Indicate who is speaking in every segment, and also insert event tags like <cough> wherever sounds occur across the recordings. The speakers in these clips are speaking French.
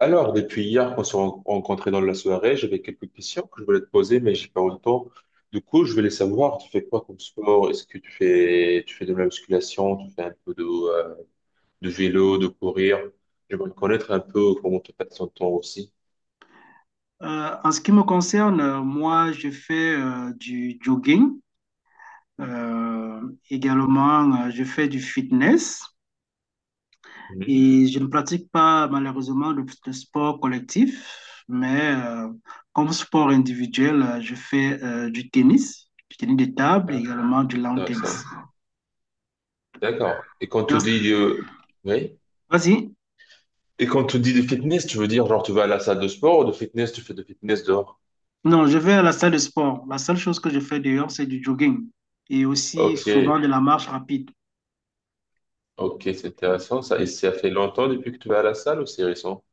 Speaker 1: Alors, depuis hier qu'on s'est rencontrés dans la soirée, j'avais quelques questions que je voulais te poser, mais j'ai pas eu le temps. Du coup, je voulais savoir, tu fais quoi comme sport? Est-ce que tu fais de la musculation? Tu fais un peu de vélo, de courir? J'aimerais connaître un peu comment tu passes ton temps aussi.
Speaker 2: En ce qui me concerne, moi, je fais du jogging. Euh, Également, je fais du fitness
Speaker 1: Mhm.
Speaker 2: et je ne pratique pas malheureusement le sport collectif, mais comme sport individuel, je fais du tennis de table et
Speaker 1: Ah,
Speaker 2: également du lawn tennis.
Speaker 1: intéressant. D'accord. Et quand
Speaker 2: Et
Speaker 1: tu
Speaker 2: en-
Speaker 1: dis, oui?
Speaker 2: Vas-y.
Speaker 1: Et quand tu dis de fitness, tu veux dire genre tu vas à la salle de sport ou de fitness, tu fais de fitness dehors?
Speaker 2: Non, je vais à la salle de sport. La seule chose que je fais dehors, c'est du jogging et aussi
Speaker 1: Ok,
Speaker 2: souvent de la marche rapide.
Speaker 1: ok, c'est intéressant ça. Et ça fait longtemps depuis que tu vas à la salle ou c'est récent?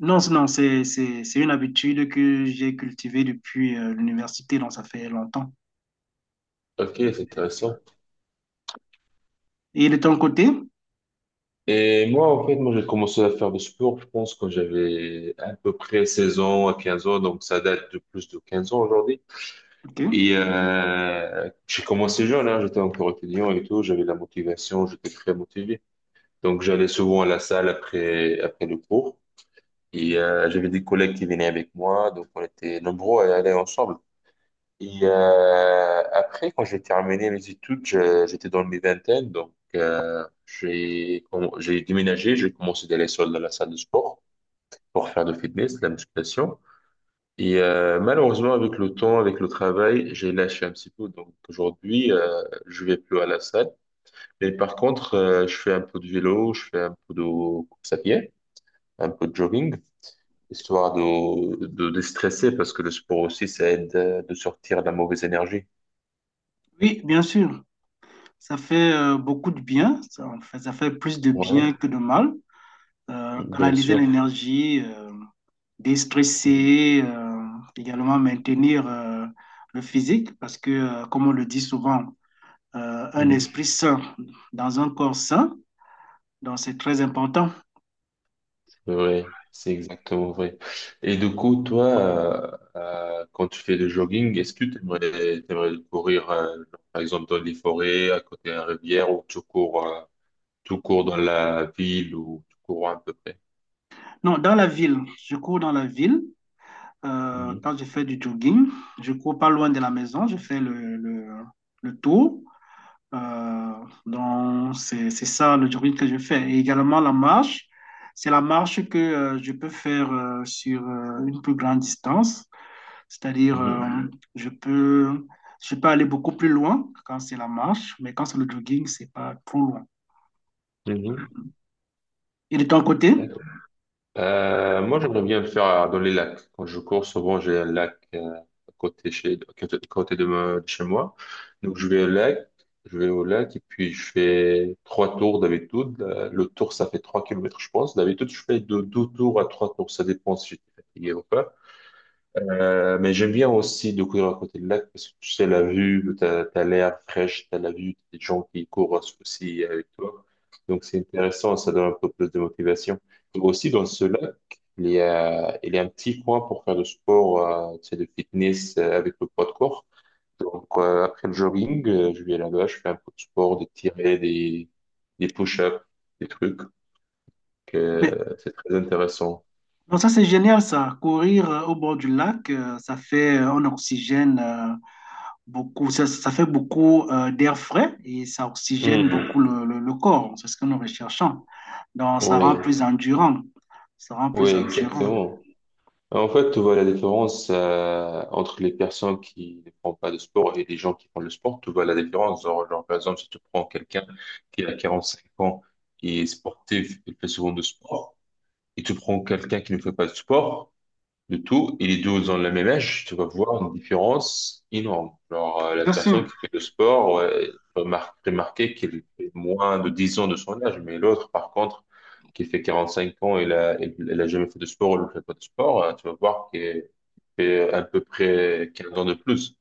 Speaker 2: Non, c'est une habitude que j'ai cultivée depuis l'université, donc ça fait longtemps.
Speaker 1: Ok, c'est intéressant.
Speaker 2: Et de ton côté?
Speaker 1: Et moi, en fait, moi, j'ai commencé à faire du sport, je pense, quand j'avais à peu près 16 ans à 15 ans, donc ça date de plus de 15 ans aujourd'hui.
Speaker 2: Ok.
Speaker 1: Et j'ai commencé jeune, hein, j'étais encore étudiant et tout, j'avais la motivation, j'étais très motivé. Donc j'allais souvent à la salle après le cours et j'avais des collègues qui venaient avec moi, donc on était nombreux à y aller ensemble. Et après, quand j'ai terminé mes études, j'étais dans mes vingtaines, donc j'ai déménagé, j'ai commencé d'aller seul dans la salle de sport pour faire du fitness, de la musculation. Et malheureusement, avec le temps, avec le travail, j'ai lâché un petit peu. Donc aujourd'hui, je vais plus à la salle. Mais par contre, je fais un peu de vélo, je fais un peu de course à pied, un peu de jogging, histoire de déstresser parce que le sport aussi, ça aide de sortir de la mauvaise énergie.
Speaker 2: Oui, bien sûr, ça fait beaucoup de bien, ça, en fait, ça fait plus de bien
Speaker 1: Ouais.
Speaker 2: que de mal.
Speaker 1: Bien
Speaker 2: Canaliser
Speaker 1: sûr.
Speaker 2: l'énergie, déstresser, également maintenir le physique, parce que, comme on le dit souvent, un
Speaker 1: Mhm.
Speaker 2: esprit sain dans un corps sain, donc c'est très important.
Speaker 1: Ouais, c'est exactement vrai. Et du coup, toi, quand tu fais le jogging, est-ce que tu aimerais, courir, par exemple, dans les forêts, à côté d'une rivière, ou tu cours dans la ville, ou tu cours à peu près?
Speaker 2: Non, dans la ville, je cours dans la ville.
Speaker 1: Mhm.
Speaker 2: Quand je fais du jogging, je cours pas loin de la maison, je fais le tour. Euh, donc, c'est ça le jogging que je fais. Et également la marche, c'est la marche que je peux faire sur une plus grande distance, c'est-à-dire je peux, je peux aller beaucoup plus loin quand c'est la marche, mais quand c'est le jogging, c'est pas trop loin.
Speaker 1: Mhm.
Speaker 2: Et de ton côté?
Speaker 1: Mhm. Moi, j'aimerais bien le faire dans les lacs. Quand je cours, souvent, j'ai un lac à côté, à côté de, de chez moi. Donc, je vais au lac, je vais au lac et puis je fais 3 tours d'habitude. Le tour, ça fait 3 kilomètres, je pense. D'habitude, je fais de 2 tours à 3 tours. Ça dépend si j'étais fatigué ou pas. Mais j'aime bien aussi découvrir à côté de lac parce que tu sais, la vue, t'as l'air fraîche, t'as la vue, t'as des gens qui courent aussi avec toi. Donc c'est intéressant, ça donne un peu plus de motivation. Et aussi dans ce lac, il y a un petit coin pour faire du sport, tu sais, de fitness avec le poids de corps. Donc après le jogging, je vais là-bas, je fais un peu de sport, des tirets, des push-ups, des trucs.
Speaker 2: Mais,
Speaker 1: Que c'est très intéressant.
Speaker 2: donc ça, c'est génial, ça. Courir au bord du lac, ça fait un oxygène, beaucoup, ça fait beaucoup d'air frais et ça oxygène beaucoup
Speaker 1: Mhm.
Speaker 2: le corps. C'est ce que nous recherchons. Donc, ça rend
Speaker 1: Oui,
Speaker 2: plus endurant. Ça rend
Speaker 1: oui,
Speaker 2: plus endurant.
Speaker 1: exactement. En fait, tu vois la différence entre les personnes qui ne font pas de sport et les gens qui font le sport. Tu vois la différence. Genre, par exemple, si tu prends quelqu'un qui a 45 ans, qui est sportif, il fait souvent de sport, et tu prends quelqu'un qui ne fait pas de sport, de tout, et les deux ont le même âge, tu vas voir une différence énorme. Alors la
Speaker 2: Bien sûr.
Speaker 1: personne qui fait le sport, ouais, remarquer qu'elle fait moins de 10 ans de son âge, mais l'autre, par contre, qui fait 45 ans, elle a jamais fait de sport, ou elle fait pas de sport, hein, tu vas voir qu'elle fait à peu près 15 ans de plus.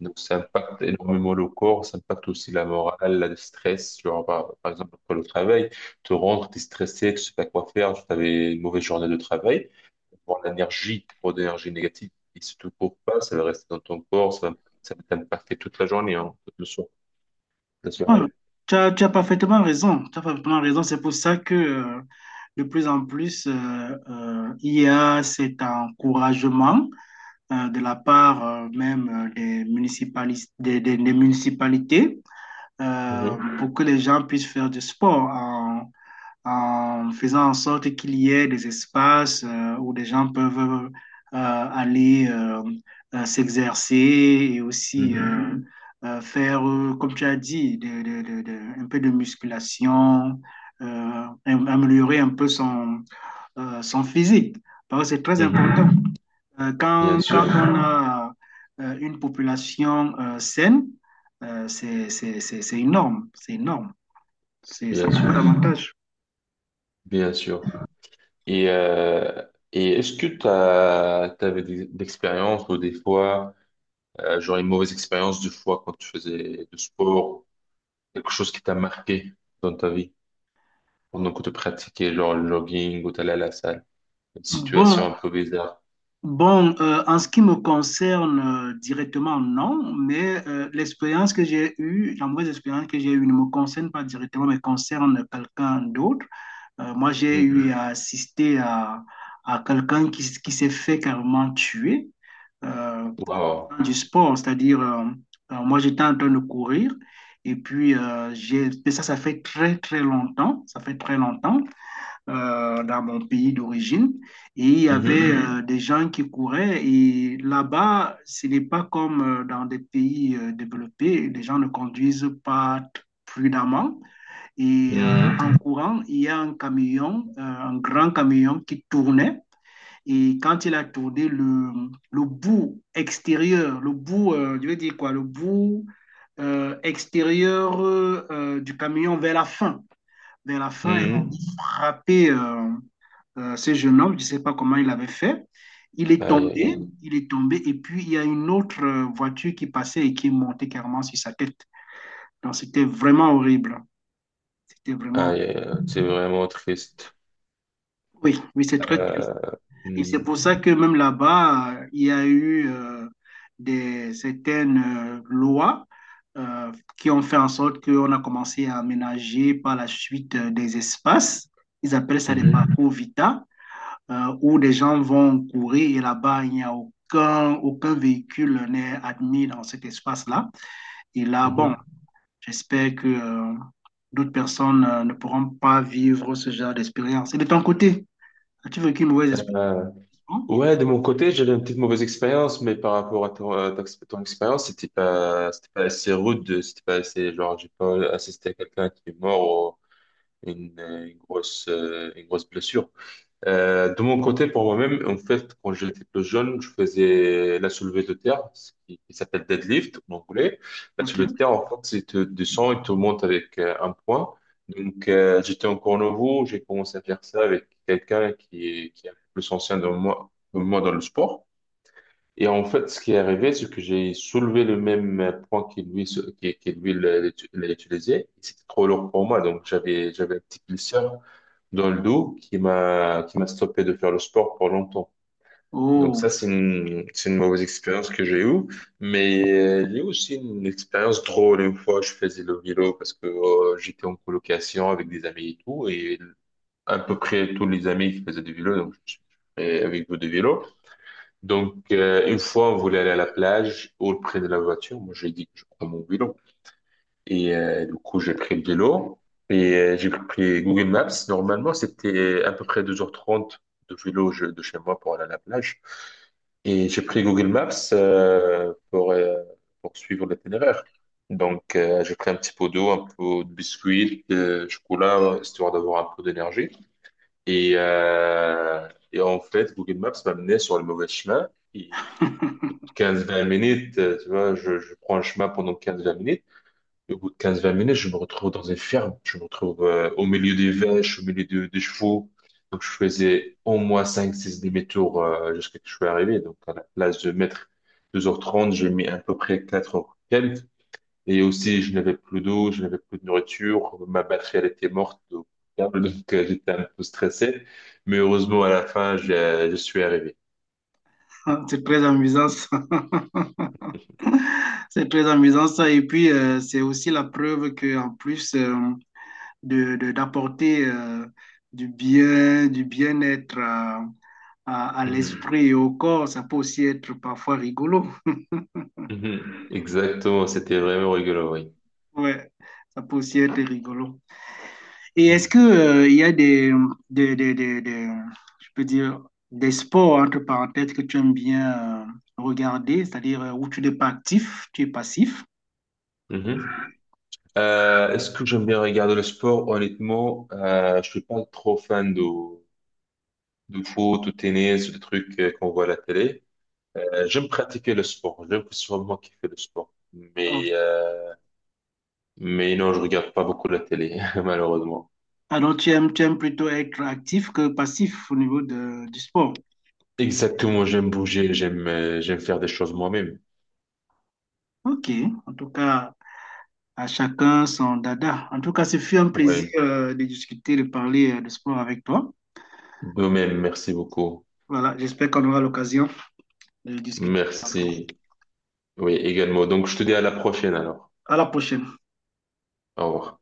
Speaker 1: Donc, ça impacte énormément le corps, ça impacte aussi la morale, le stress. Genre, par exemple, après le travail, tu rentres, tu es stressé, tu sais pas quoi faire, tu avais une mauvaise journée de travail pour l'énergie, trop d'énergie négative qui se te coupe pas, ça va rester dans ton corps, ça va t'impacter toute la journée, hein, toute le soir, la
Speaker 2: Ouais,
Speaker 1: soirée.
Speaker 2: tu as parfaitement raison. Tu as parfaitement raison. C'est pour ça que de plus en plus, il y a cet encouragement de la part même des municipalis- des municipalités
Speaker 1: Mhm,
Speaker 2: pour que les gens puissent faire du sport en faisant en sorte qu'il y ait des espaces où des gens peuvent aller s'exercer et aussi
Speaker 1: mhm,
Speaker 2: faire, comme tu as dit, un peu de musculation, améliorer un peu son physique. Parce que c'est très
Speaker 1: mhm.
Speaker 2: important. Euh,
Speaker 1: Bien
Speaker 2: Quand, quand,
Speaker 1: sûr,
Speaker 2: on a une population saine, c'est énorme, c'est énorme. C'est Ça
Speaker 1: bien
Speaker 2: a beaucoup
Speaker 1: sûr,
Speaker 2: d'avantages.
Speaker 1: bien sûr. Et, euh, et est-ce que tu avais des expériences, ou des fois, genre une mauvaise expérience de fois quand tu faisais du sport, quelque chose qui t'a marqué dans ta vie pendant que tu pratiquais genre le jogging ou t'allais à la salle, une situation
Speaker 2: Bon,
Speaker 1: un peu bizarre.
Speaker 2: Bon, en ce qui me concerne directement, non, mais l'expérience que j'ai eue, la mauvaise expérience que j'ai eue ne me concerne pas directement, mais concerne quelqu'un d'autre. Moi, j'ai
Speaker 1: Mhm.
Speaker 2: eu à assister à quelqu'un qui s'est fait carrément tuer euh,
Speaker 1: Wow.
Speaker 2: faisant du sport, c'est-à-dire, moi, j'étais en train de courir et puis, mais ça fait très, très longtemps, ça fait très longtemps dans mon pays d'origine. Et il y avait des gens qui couraient. Et là-bas, ce n'est pas comme dans des pays développés. Les gens ne conduisent pas prudemment. Et
Speaker 1: Mhm.
Speaker 2: en courant, il y a un camion, un grand camion qui tournait. Et quand il a tourné, le bout extérieur, je veux dire quoi, le bout extérieur du camion vers la fin, il
Speaker 1: Mhm.
Speaker 2: a frappé ce jeune homme, je ne sais pas comment il avait fait. Il est
Speaker 1: Aïe, aïe, aïe.
Speaker 2: tombé, il est tombé, et puis il y a une autre voiture qui passait et qui est montée carrément sur sa tête. Donc c'était vraiment horrible. C'était vraiment.
Speaker 1: Aïe, aïe, aïe. C'est vraiment triste.
Speaker 2: Oui, oui, c'est très triste.
Speaker 1: Euh,
Speaker 2: Et c'est
Speaker 1: mhm.
Speaker 2: pour ça que même là-bas, il y a eu certaines lois euh, qui ont fait en sorte qu'on a commencé à aménager par la suite des espaces. Ils appellent ça des
Speaker 1: Mhm.
Speaker 2: parcours vita où des gens vont courir et là-bas, il n'y a aucun véhicule n'est admis dans cet espace-là. Et là, bon,
Speaker 1: Mhm.
Speaker 2: j'espère que d'autres personnes ne pourront pas vivre ce genre d'expérience. Et de ton côté, as-tu vécu une mauvaise expérience?
Speaker 1: Euh,
Speaker 2: Non.
Speaker 1: ouais, de mon côté, j'avais une petite mauvaise expérience, mais par rapport à ton, ton expérience, c'était pas assez rude, c'était pas assez, genre, j'ai pas assisté à quelqu'un qui est mort ou une grosse, une grosse blessure. De mon côté, pour moi-même, en fait, quand j'étais plus jeune, je faisais la soulevée de terre, ce qui s'appelle deadlift en anglais. La
Speaker 2: Ok.
Speaker 1: soulevée de terre, en fait, c'est te descends et te montes avec un point. Donc, j'étais encore nouveau, j'ai commencé à faire ça avec quelqu'un qui est un peu plus ancien de moi, que moi dans le sport. Et en fait, ce qui est arrivé, c'est que j'ai soulevé le même point qu'il lui, qui lui l'a utilisé. C'était trop lourd pour moi, donc j'avais un petit blessure dans le dos qui m'a stoppé de faire le sport pour longtemps. Donc
Speaker 2: Oh.
Speaker 1: ça, c'est une mauvaise expérience que j'ai eue, mais il y a eu aussi une expérience drôle. Une fois, je faisais le vélo parce que j'étais en colocation avec des amis et tout, et à peu près tous les amis qui faisaient du vélo, donc je suis fait avec vous de vélo. Donc, une fois, on voulait aller à la plage, au près de la voiture. Moi, j'ai dit que je prends mon vélo. Et du coup, j'ai pris le vélo et j'ai pris Google Maps. Normalement, c'était à peu près 2h30 de vélo de chez moi pour aller à la plage. Et j'ai pris Google Maps pour suivre l'itinéraire. Donc, j'ai pris un petit pot d'eau, un peu de biscuits, de chocolat, histoire d'avoir un peu d'énergie. Et, euh, et en fait, Google Maps m'a mené sur le mauvais chemin. Et au bout
Speaker 2: <laughs>
Speaker 1: 15-20 minutes, tu vois, je prends le chemin pendant 15-20 minutes. Et au bout de 15-20 minutes, je me retrouve dans une ferme. Je me retrouve au milieu des vaches, au milieu des chevaux. Donc, je faisais au moins 5-6 demi-tours jusqu'à ce que je sois arrivé. Donc, à la place de mettre 2h30, j'ai mis à peu près 4 heures quelques. Et aussi, je n'avais plus d'eau, je n'avais plus de nourriture. Ma batterie, elle était morte au câble. <laughs> Donc, j'étais un peu stressé. Mais heureusement, à la fin, je suis arrivé.
Speaker 2: C'est très amusant ça. <laughs> C'est très amusant ça. Et puis, c'est aussi la preuve que en plus, d'apporter du bien, du bien-être à, à l'esprit et au corps. Ça peut aussi être parfois rigolo. <laughs>
Speaker 1: Mhm. Exactement, c'était vraiment rigolo, oui.
Speaker 2: Ouais, ça peut aussi être rigolo. Et est-ce
Speaker 1: Mhm.
Speaker 2: que il y a des, des, des- des- je peux dire, des sports, entre parenthèses, que tu aimes bien regarder, c'est-à-dire où tu n'es pas actif, tu es passif?
Speaker 1: Mhm. Est-ce que j'aime bien regarder le sport? Honnêtement, je suis pas trop fan de foot ou tennis, des trucs qu'on voit à la télé. J'aime pratiquer le sport, j'aime que ce soit moi qui fais le sport.
Speaker 2: Oh.
Speaker 1: Mais non, je regarde pas beaucoup la télé, <laughs> malheureusement.
Speaker 2: Ah tu aimes plutôt être actif que passif au niveau du sport.
Speaker 1: Exactement, j'aime bouger, j'aime j'aime faire des choses moi-même.
Speaker 2: Ok, en tout cas. À chacun son dada. En tout cas, ce fut un plaisir
Speaker 1: Oui,
Speaker 2: de discuter, de parler de sport avec toi.
Speaker 1: de même, merci beaucoup.
Speaker 2: Voilà, j'espère qu'on aura l'occasion de discuter.
Speaker 1: Merci. Oui, également. Donc, je te dis à la prochaine alors.
Speaker 2: À la prochaine.
Speaker 1: Au revoir.